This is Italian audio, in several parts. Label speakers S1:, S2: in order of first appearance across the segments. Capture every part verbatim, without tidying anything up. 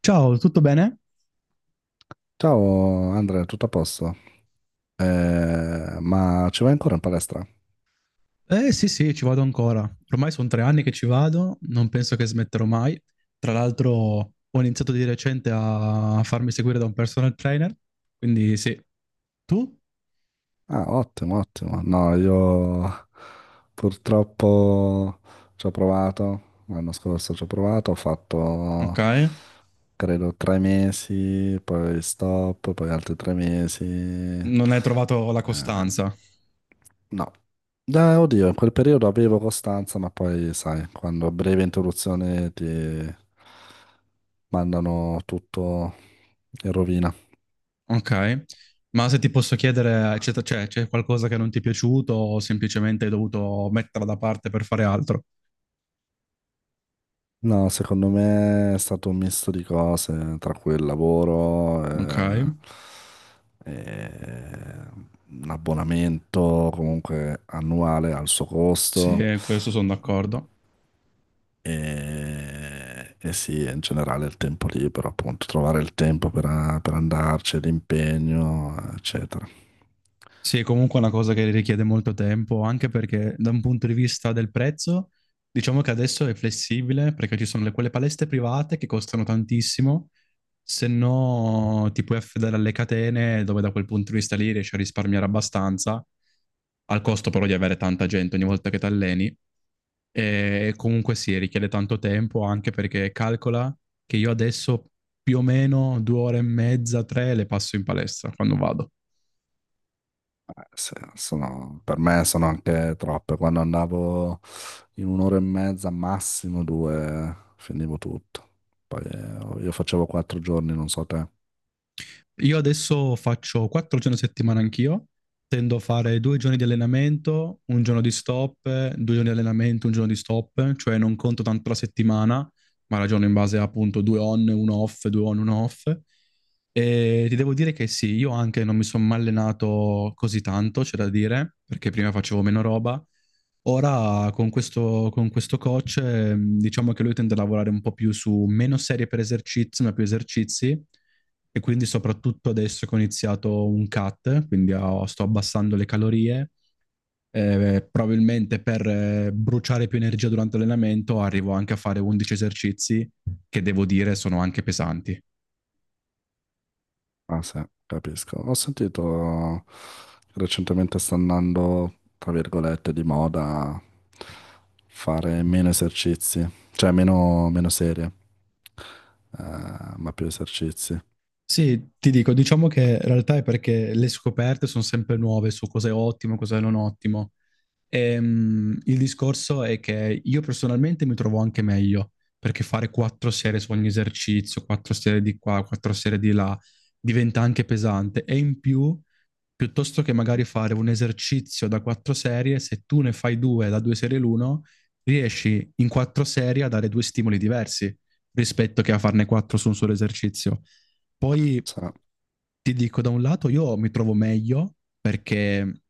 S1: Ciao, tutto bene?
S2: Ciao Andrea, tutto a posto? Eh, ma ci vai ancora in palestra?
S1: Eh sì, sì, ci vado ancora. Ormai sono tre anni che ci vado, non penso che smetterò mai. Tra l'altro ho iniziato di recente a farmi seguire da un personal trainer, quindi sì. Tu?
S2: Ah, ottimo, ottimo. No, io purtroppo ci ho provato, l'anno scorso ci ho provato, ho
S1: Ok.
S2: fatto credo tre mesi, poi stop, poi altri tre mesi. Eh,
S1: Non hai trovato la costanza.
S2: no, Eh, oddio, in quel periodo avevo costanza, ma poi sai, quando a breve interruzione ti mandano tutto in rovina.
S1: Ok. Ma se ti posso chiedere, c'è c'è- c'è qualcosa che non ti è piaciuto o semplicemente hai dovuto metterla da parte per fare altro?
S2: No, secondo me è stato un misto di cose, tra cui il lavoro,
S1: Ok.
S2: eh, eh, un abbonamento comunque annuale al suo costo
S1: Sì, questo sono d'accordo.
S2: e, e sì, in generale il tempo libero, appunto, trovare il tempo per, per andarci, l'impegno, eccetera.
S1: Sì, è comunque una cosa che richiede molto tempo, anche perché da un punto di vista del prezzo, diciamo che adesso è flessibile, perché ci sono le- quelle palestre private che costano tantissimo, se no ti puoi affidare alle catene, dove da quel punto di vista lì riesci a risparmiare abbastanza, al costo però di avere tanta gente ogni volta che ti alleni. E comunque sì, richiede tanto tempo, anche perché calcola che io adesso più o meno due ore e mezza, tre le passo in palestra quando vado.
S2: Sì, sono- per me sono anche troppe. Quando andavo in un'ora e mezza, massimo due, finivo tutto. Poi eh, io facevo quattro giorni, non so te.
S1: Io adesso faccio quattro giorni a settimana anch'io, tendo a fare due giorni di allenamento, un giorno di stop, eh, due giorni di allenamento, un giorno di stop, cioè non conto tanto la settimana, ma ragiono in base a appunto due on, uno off, due on, uno off. E ti devo dire che sì, io anche non mi sono mai allenato così tanto, c'è da dire, perché prima facevo meno roba. Ora con questo, con questo coach, ehm, diciamo che lui tende a lavorare un po' più su meno serie per esercizi, ma più esercizi, e quindi soprattutto adesso che ho iniziato un cut, quindi ho- sto abbassando le calorie, eh, probabilmente per eh, bruciare più energia durante l'allenamento arrivo anche a fare undici esercizi che devo dire sono anche pesanti.
S2: Ah sì, capisco. Ho sentito che recentemente sta andando, tra virgolette, di moda fare meno esercizi, cioè meno, meno serie, eh, ma più esercizi.
S1: Sì, ti dico, diciamo che in realtà è perché le scoperte sono sempre nuove su cosa è ottimo, cosa è non ottimo. Ehm, il discorso è che io personalmente mi trovo anche meglio, perché fare quattro serie su ogni esercizio, quattro serie di qua, quattro serie di là, diventa anche pesante. E in più, piuttosto che magari fare un esercizio da quattro serie, se tu ne fai due da due serie l'uno, riesci in quattro serie a dare due stimoli diversi rispetto che a farne quattro su un solo esercizio. Poi
S2: Sì.
S1: ti dico, da un lato io mi trovo meglio perché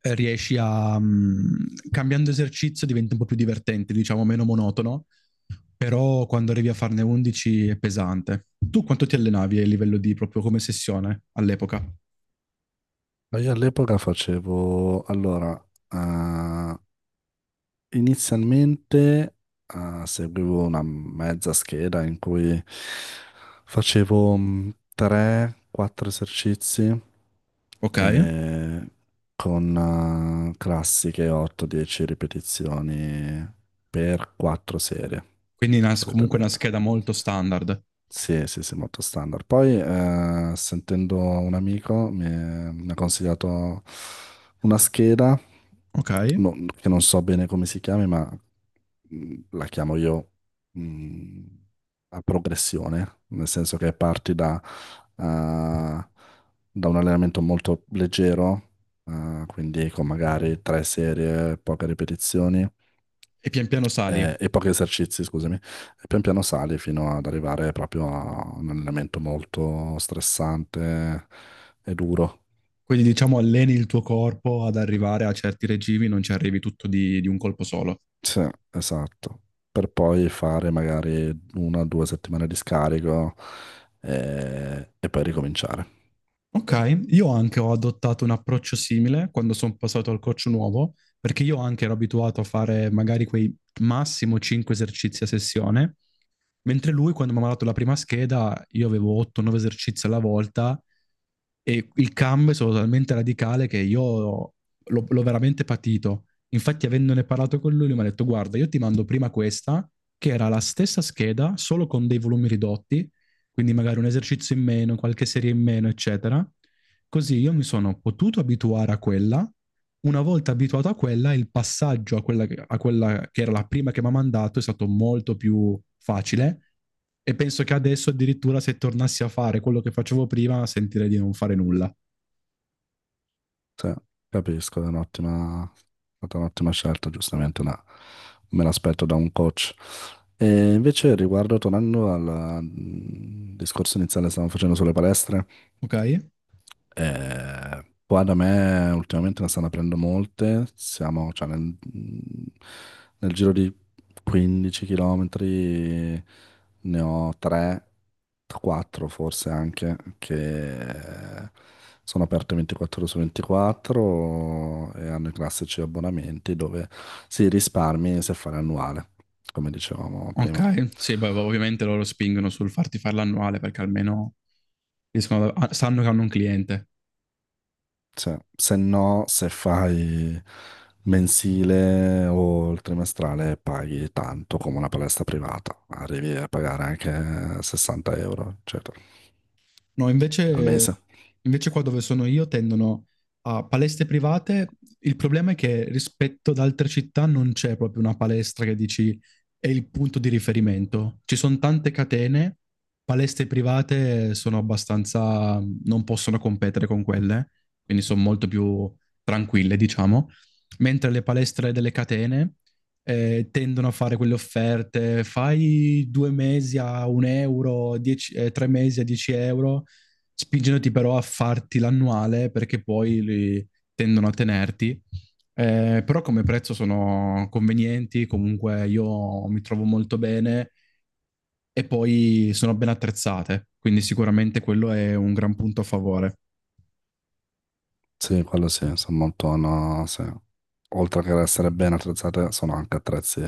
S1: riesci a, mm, cambiando esercizio diventa un po' più divertente, diciamo meno monotono, però quando arrivi a farne undici è pesante. Tu quanto ti allenavi a livello di proprio come sessione all'epoca?
S2: Ma Io all'epoca facevo, allora, eh, inizialmente eh, seguivo una mezza scheda in cui facevo tre quattro esercizi
S1: Ok?
S2: e con eh, classiche otto dieci ripetizioni per quattro serie,
S1: Quindi una- comunque una
S2: solitamente.
S1: scheda molto standard.
S2: Sì, sì, sì, molto standard. Poi, eh, sentendo un amico, mi, mi ha consigliato una scheda,
S1: Ok?
S2: no- che non so bene come si chiami, ma mm, la chiamo io, mm, a progressione, nel senso che parti da, eh, da un allenamento molto leggero, eh, quindi con magari tre serie, poche ripetizioni
S1: E pian piano sali.
S2: eh, e pochi esercizi, scusami, e pian piano sali fino ad arrivare proprio a un allenamento molto stressante e duro.
S1: Quindi diciamo alleni il tuo corpo ad arrivare a certi regimi, non ci arrivi tutto di, di un colpo solo.
S2: Sì, esatto. Per poi fare magari una o due settimane di scarico, eh, e, poi ricominciare.
S1: Ok, io anche ho adottato un approccio simile quando sono passato al coach nuovo, perché io anche ero abituato a fare magari quei massimo cinque esercizi a sessione. Mentre lui, quando mi ha mandato la prima scheda, io avevo otto o nove esercizi alla volta e il cambio è stato talmente radicale che io l'ho, l'ho veramente patito. Infatti, avendone parlato con lui, lui mi ha detto: "Guarda, io ti mando prima questa, che era la stessa scheda, solo con dei volumi ridotti, quindi magari un esercizio in meno, qualche serie in meno, eccetera. Così io mi sono potuto abituare a quella. Una volta abituato a quella, il passaggio a quella, che- a quella che era la prima che mi ha mandato è stato molto più facile e penso che adesso addirittura se tornassi a fare quello che facevo prima sentirei di non fare nulla."
S2: Sì, capisco, è un'ottima, è stata un'ottima scelta, giustamente una- me l'aspetto da un coach. E invece riguardo, tornando al mm, discorso iniziale che stavamo facendo sulle palestre,
S1: Ok?
S2: eh, qua da me ultimamente ne stanno aprendo molte, siamo cioè, nel, mm, nel giro di quindici chilometri ne ho tre, quattro forse anche, che sono aperte ventiquattro ore su ventiquattro e hanno i classici abbonamenti dove si risparmi se fare annuale, come dicevamo prima.
S1: Ok, sì, beh, ovviamente loro spingono sul farti fare l'annuale perché almeno riescono a- sanno che hanno un cliente.
S2: Cioè, se no, se fai mensile o il trimestrale paghi tanto come una palestra privata, arrivi a pagare anche sessanta euro, eccetera,
S1: No,
S2: al
S1: invece,
S2: mese.
S1: invece qua dove sono io tendono a palestre private. Il problema è che rispetto ad altre città non c'è proprio una palestra che dici è il punto di riferimento. Ci sono tante catene, palestre private sono abbastanza, non possono competere con quelle, quindi sono molto più tranquille, diciamo. Mentre le palestre delle catene eh, tendono a fare quelle offerte, fai due mesi a un euro, dieci- eh, tre mesi a dieci euro, spingendoti però a farti l'annuale perché poi li tendono a tenerti. Eh, però come prezzo sono convenienti, comunque io mi trovo molto bene e poi sono ben attrezzate, quindi sicuramente quello è un gran punto a favore.
S2: Sì, quello sì, sono molto, no, sì. Oltre che ad essere ben attrezzate, sono anche attrezzi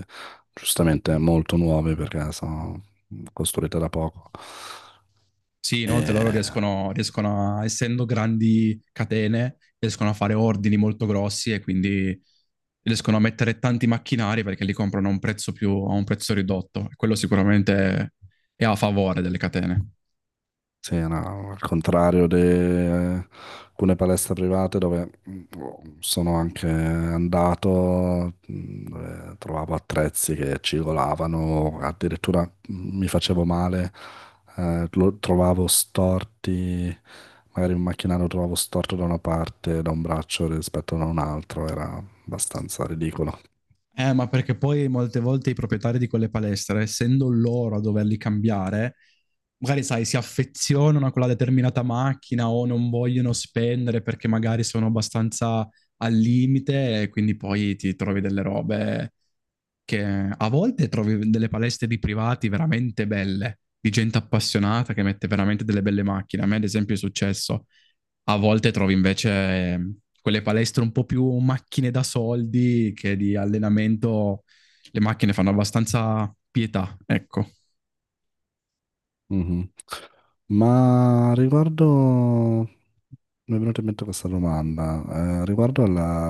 S2: giustamente molto nuovi perché sono costruite da poco.
S1: Sì,
S2: E
S1: inoltre loro riescono, riescono a, essendo grandi catene, riescono a fare ordini molto grossi e quindi riescono a mettere tanti macchinari perché li comprano a un prezzo più, a un prezzo ridotto. Quello sicuramente è a favore delle catene.
S2: sì, no, al contrario di eh, alcune palestre private dove mm, sono anche andato, mm, dove trovavo attrezzi che cigolavano, addirittura mm, mi facevo male, eh, lo trovavo storti, magari un macchinario lo trovavo storto da una parte, da un braccio rispetto a un altro, era abbastanza ridicolo.
S1: Eh, ma perché poi molte volte i proprietari di quelle palestre, essendo loro a doverli cambiare, magari sai, si affezionano a quella determinata macchina o non vogliono spendere perché magari sono abbastanza al limite e quindi poi ti trovi delle robe che a volte trovi delle palestre di privati veramente belle, di gente appassionata che mette veramente delle belle macchine. A me, ad esempio, è successo. A volte trovi invece eh, quelle palestre un po' più macchine da soldi che di allenamento, le macchine fanno abbastanza pietà, ecco.
S2: Mhm. Ma riguardo, mi è venuta in mente questa domanda, eh, riguardo alla-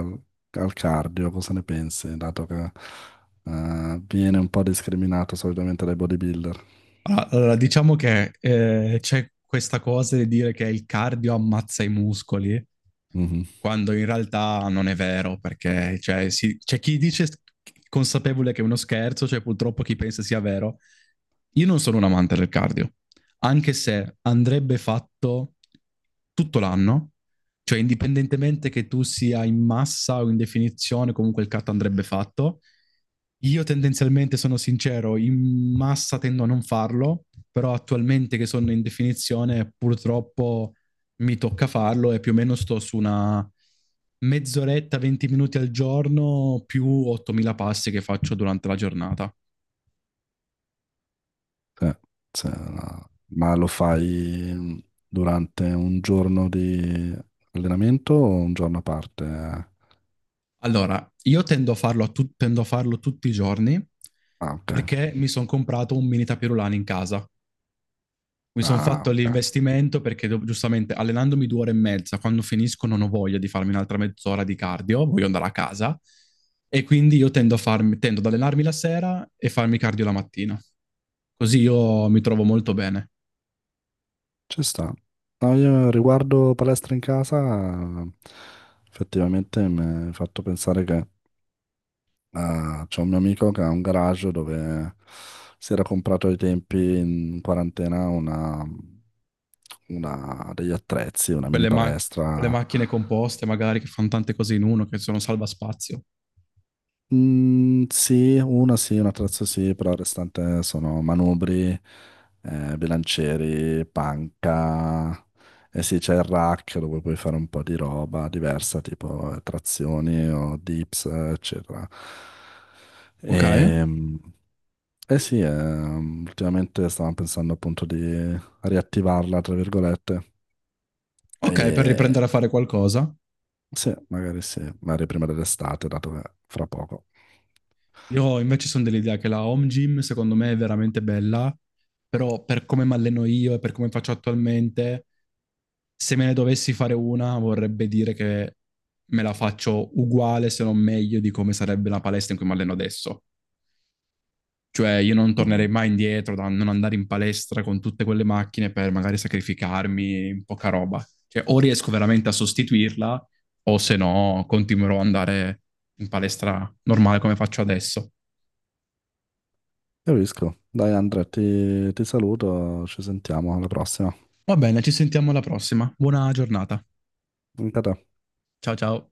S2: al cardio, cosa ne pensi, dato che eh, viene un po' discriminato solitamente dai bodybuilder?
S1: Allora, allora, diciamo che eh, c'è questa cosa di dire che il cardio ammazza i muscoli
S2: Mhm.
S1: quando in realtà non è vero, perché cioè, si- c'è chi dice consapevole che è uno scherzo, c'è cioè, purtroppo chi pensa sia vero, io non sono un amante del cardio, anche se andrebbe fatto tutto l'anno, cioè indipendentemente che tu sia in massa o in definizione, comunque il cardio andrebbe fatto. Io tendenzialmente sono sincero, in massa tendo a non farlo, però attualmente che sono in definizione purtroppo mi tocca farlo e più o meno sto su una mezz'oretta, venti minuti al giorno più ottomila passi che faccio durante la giornata.
S2: Sì, sì, no. Ma lo fai durante un giorno di allenamento o un giorno a parte?
S1: Allora, io tendo a farlo, a tu- tendo a farlo tutti i giorni
S2: Ah, ok.
S1: perché mi sono comprato un mini tapirulano in casa. Mi sono
S2: Ah,
S1: fatto
S2: ok.
S1: l'investimento perché do- giustamente allenandomi due ore e mezza, quando finisco non ho voglia di farmi un'altra mezz'ora di cardio, voglio andare a casa e quindi io tendo a farmi- tendo ad allenarmi la sera e farmi cardio la mattina. Così io mi trovo molto bene.
S2: Ci sta. No, io riguardo palestra in casa, effettivamente mi hai fatto pensare che eh, c'è un mio amico che ha un garage dove si era comprato ai tempi in quarantena una, una- degli attrezzi, una mini
S1: Quelle, ma- quelle
S2: palestra.
S1: macchine composte magari che fanno tante cose in uno, che sono salvaspazio.
S2: Mm, sì, una sì, una terza sì, però il restante sono manubri, eh, bilancieri, panca, e sì, c'è il rack dove puoi fare un po' di roba diversa, tipo eh, trazioni o dips, eh, eccetera.
S1: Ok,
S2: E, mm, eh sì, ehm, Ultimamente stavamo pensando appunto di riattivarla, tra virgolette,
S1: ok, per
S2: e
S1: riprendere a fare qualcosa.
S2: sì, magari sì, magari prima dell'estate, dato che fra poco.
S1: Io invece sono dell'idea che la home gym secondo me è veramente bella, però per come mi alleno io e per come faccio attualmente, se me ne dovessi fare una vorrebbe dire che me la faccio uguale se non meglio di come sarebbe la palestra in cui mi alleno adesso. Cioè io non tornerei mai indietro da non andare in palestra con tutte quelle macchine per magari sacrificarmi in poca roba. Cioè o riesco veramente a sostituirla o se no continuerò ad andare in palestra normale come faccio adesso.
S2: Capisco. Dai Andrea, ti, ti saluto, ci sentiamo alla prossima.
S1: Va bene, ci sentiamo alla prossima. Buona giornata.
S2: Anche a te.
S1: Ciao ciao.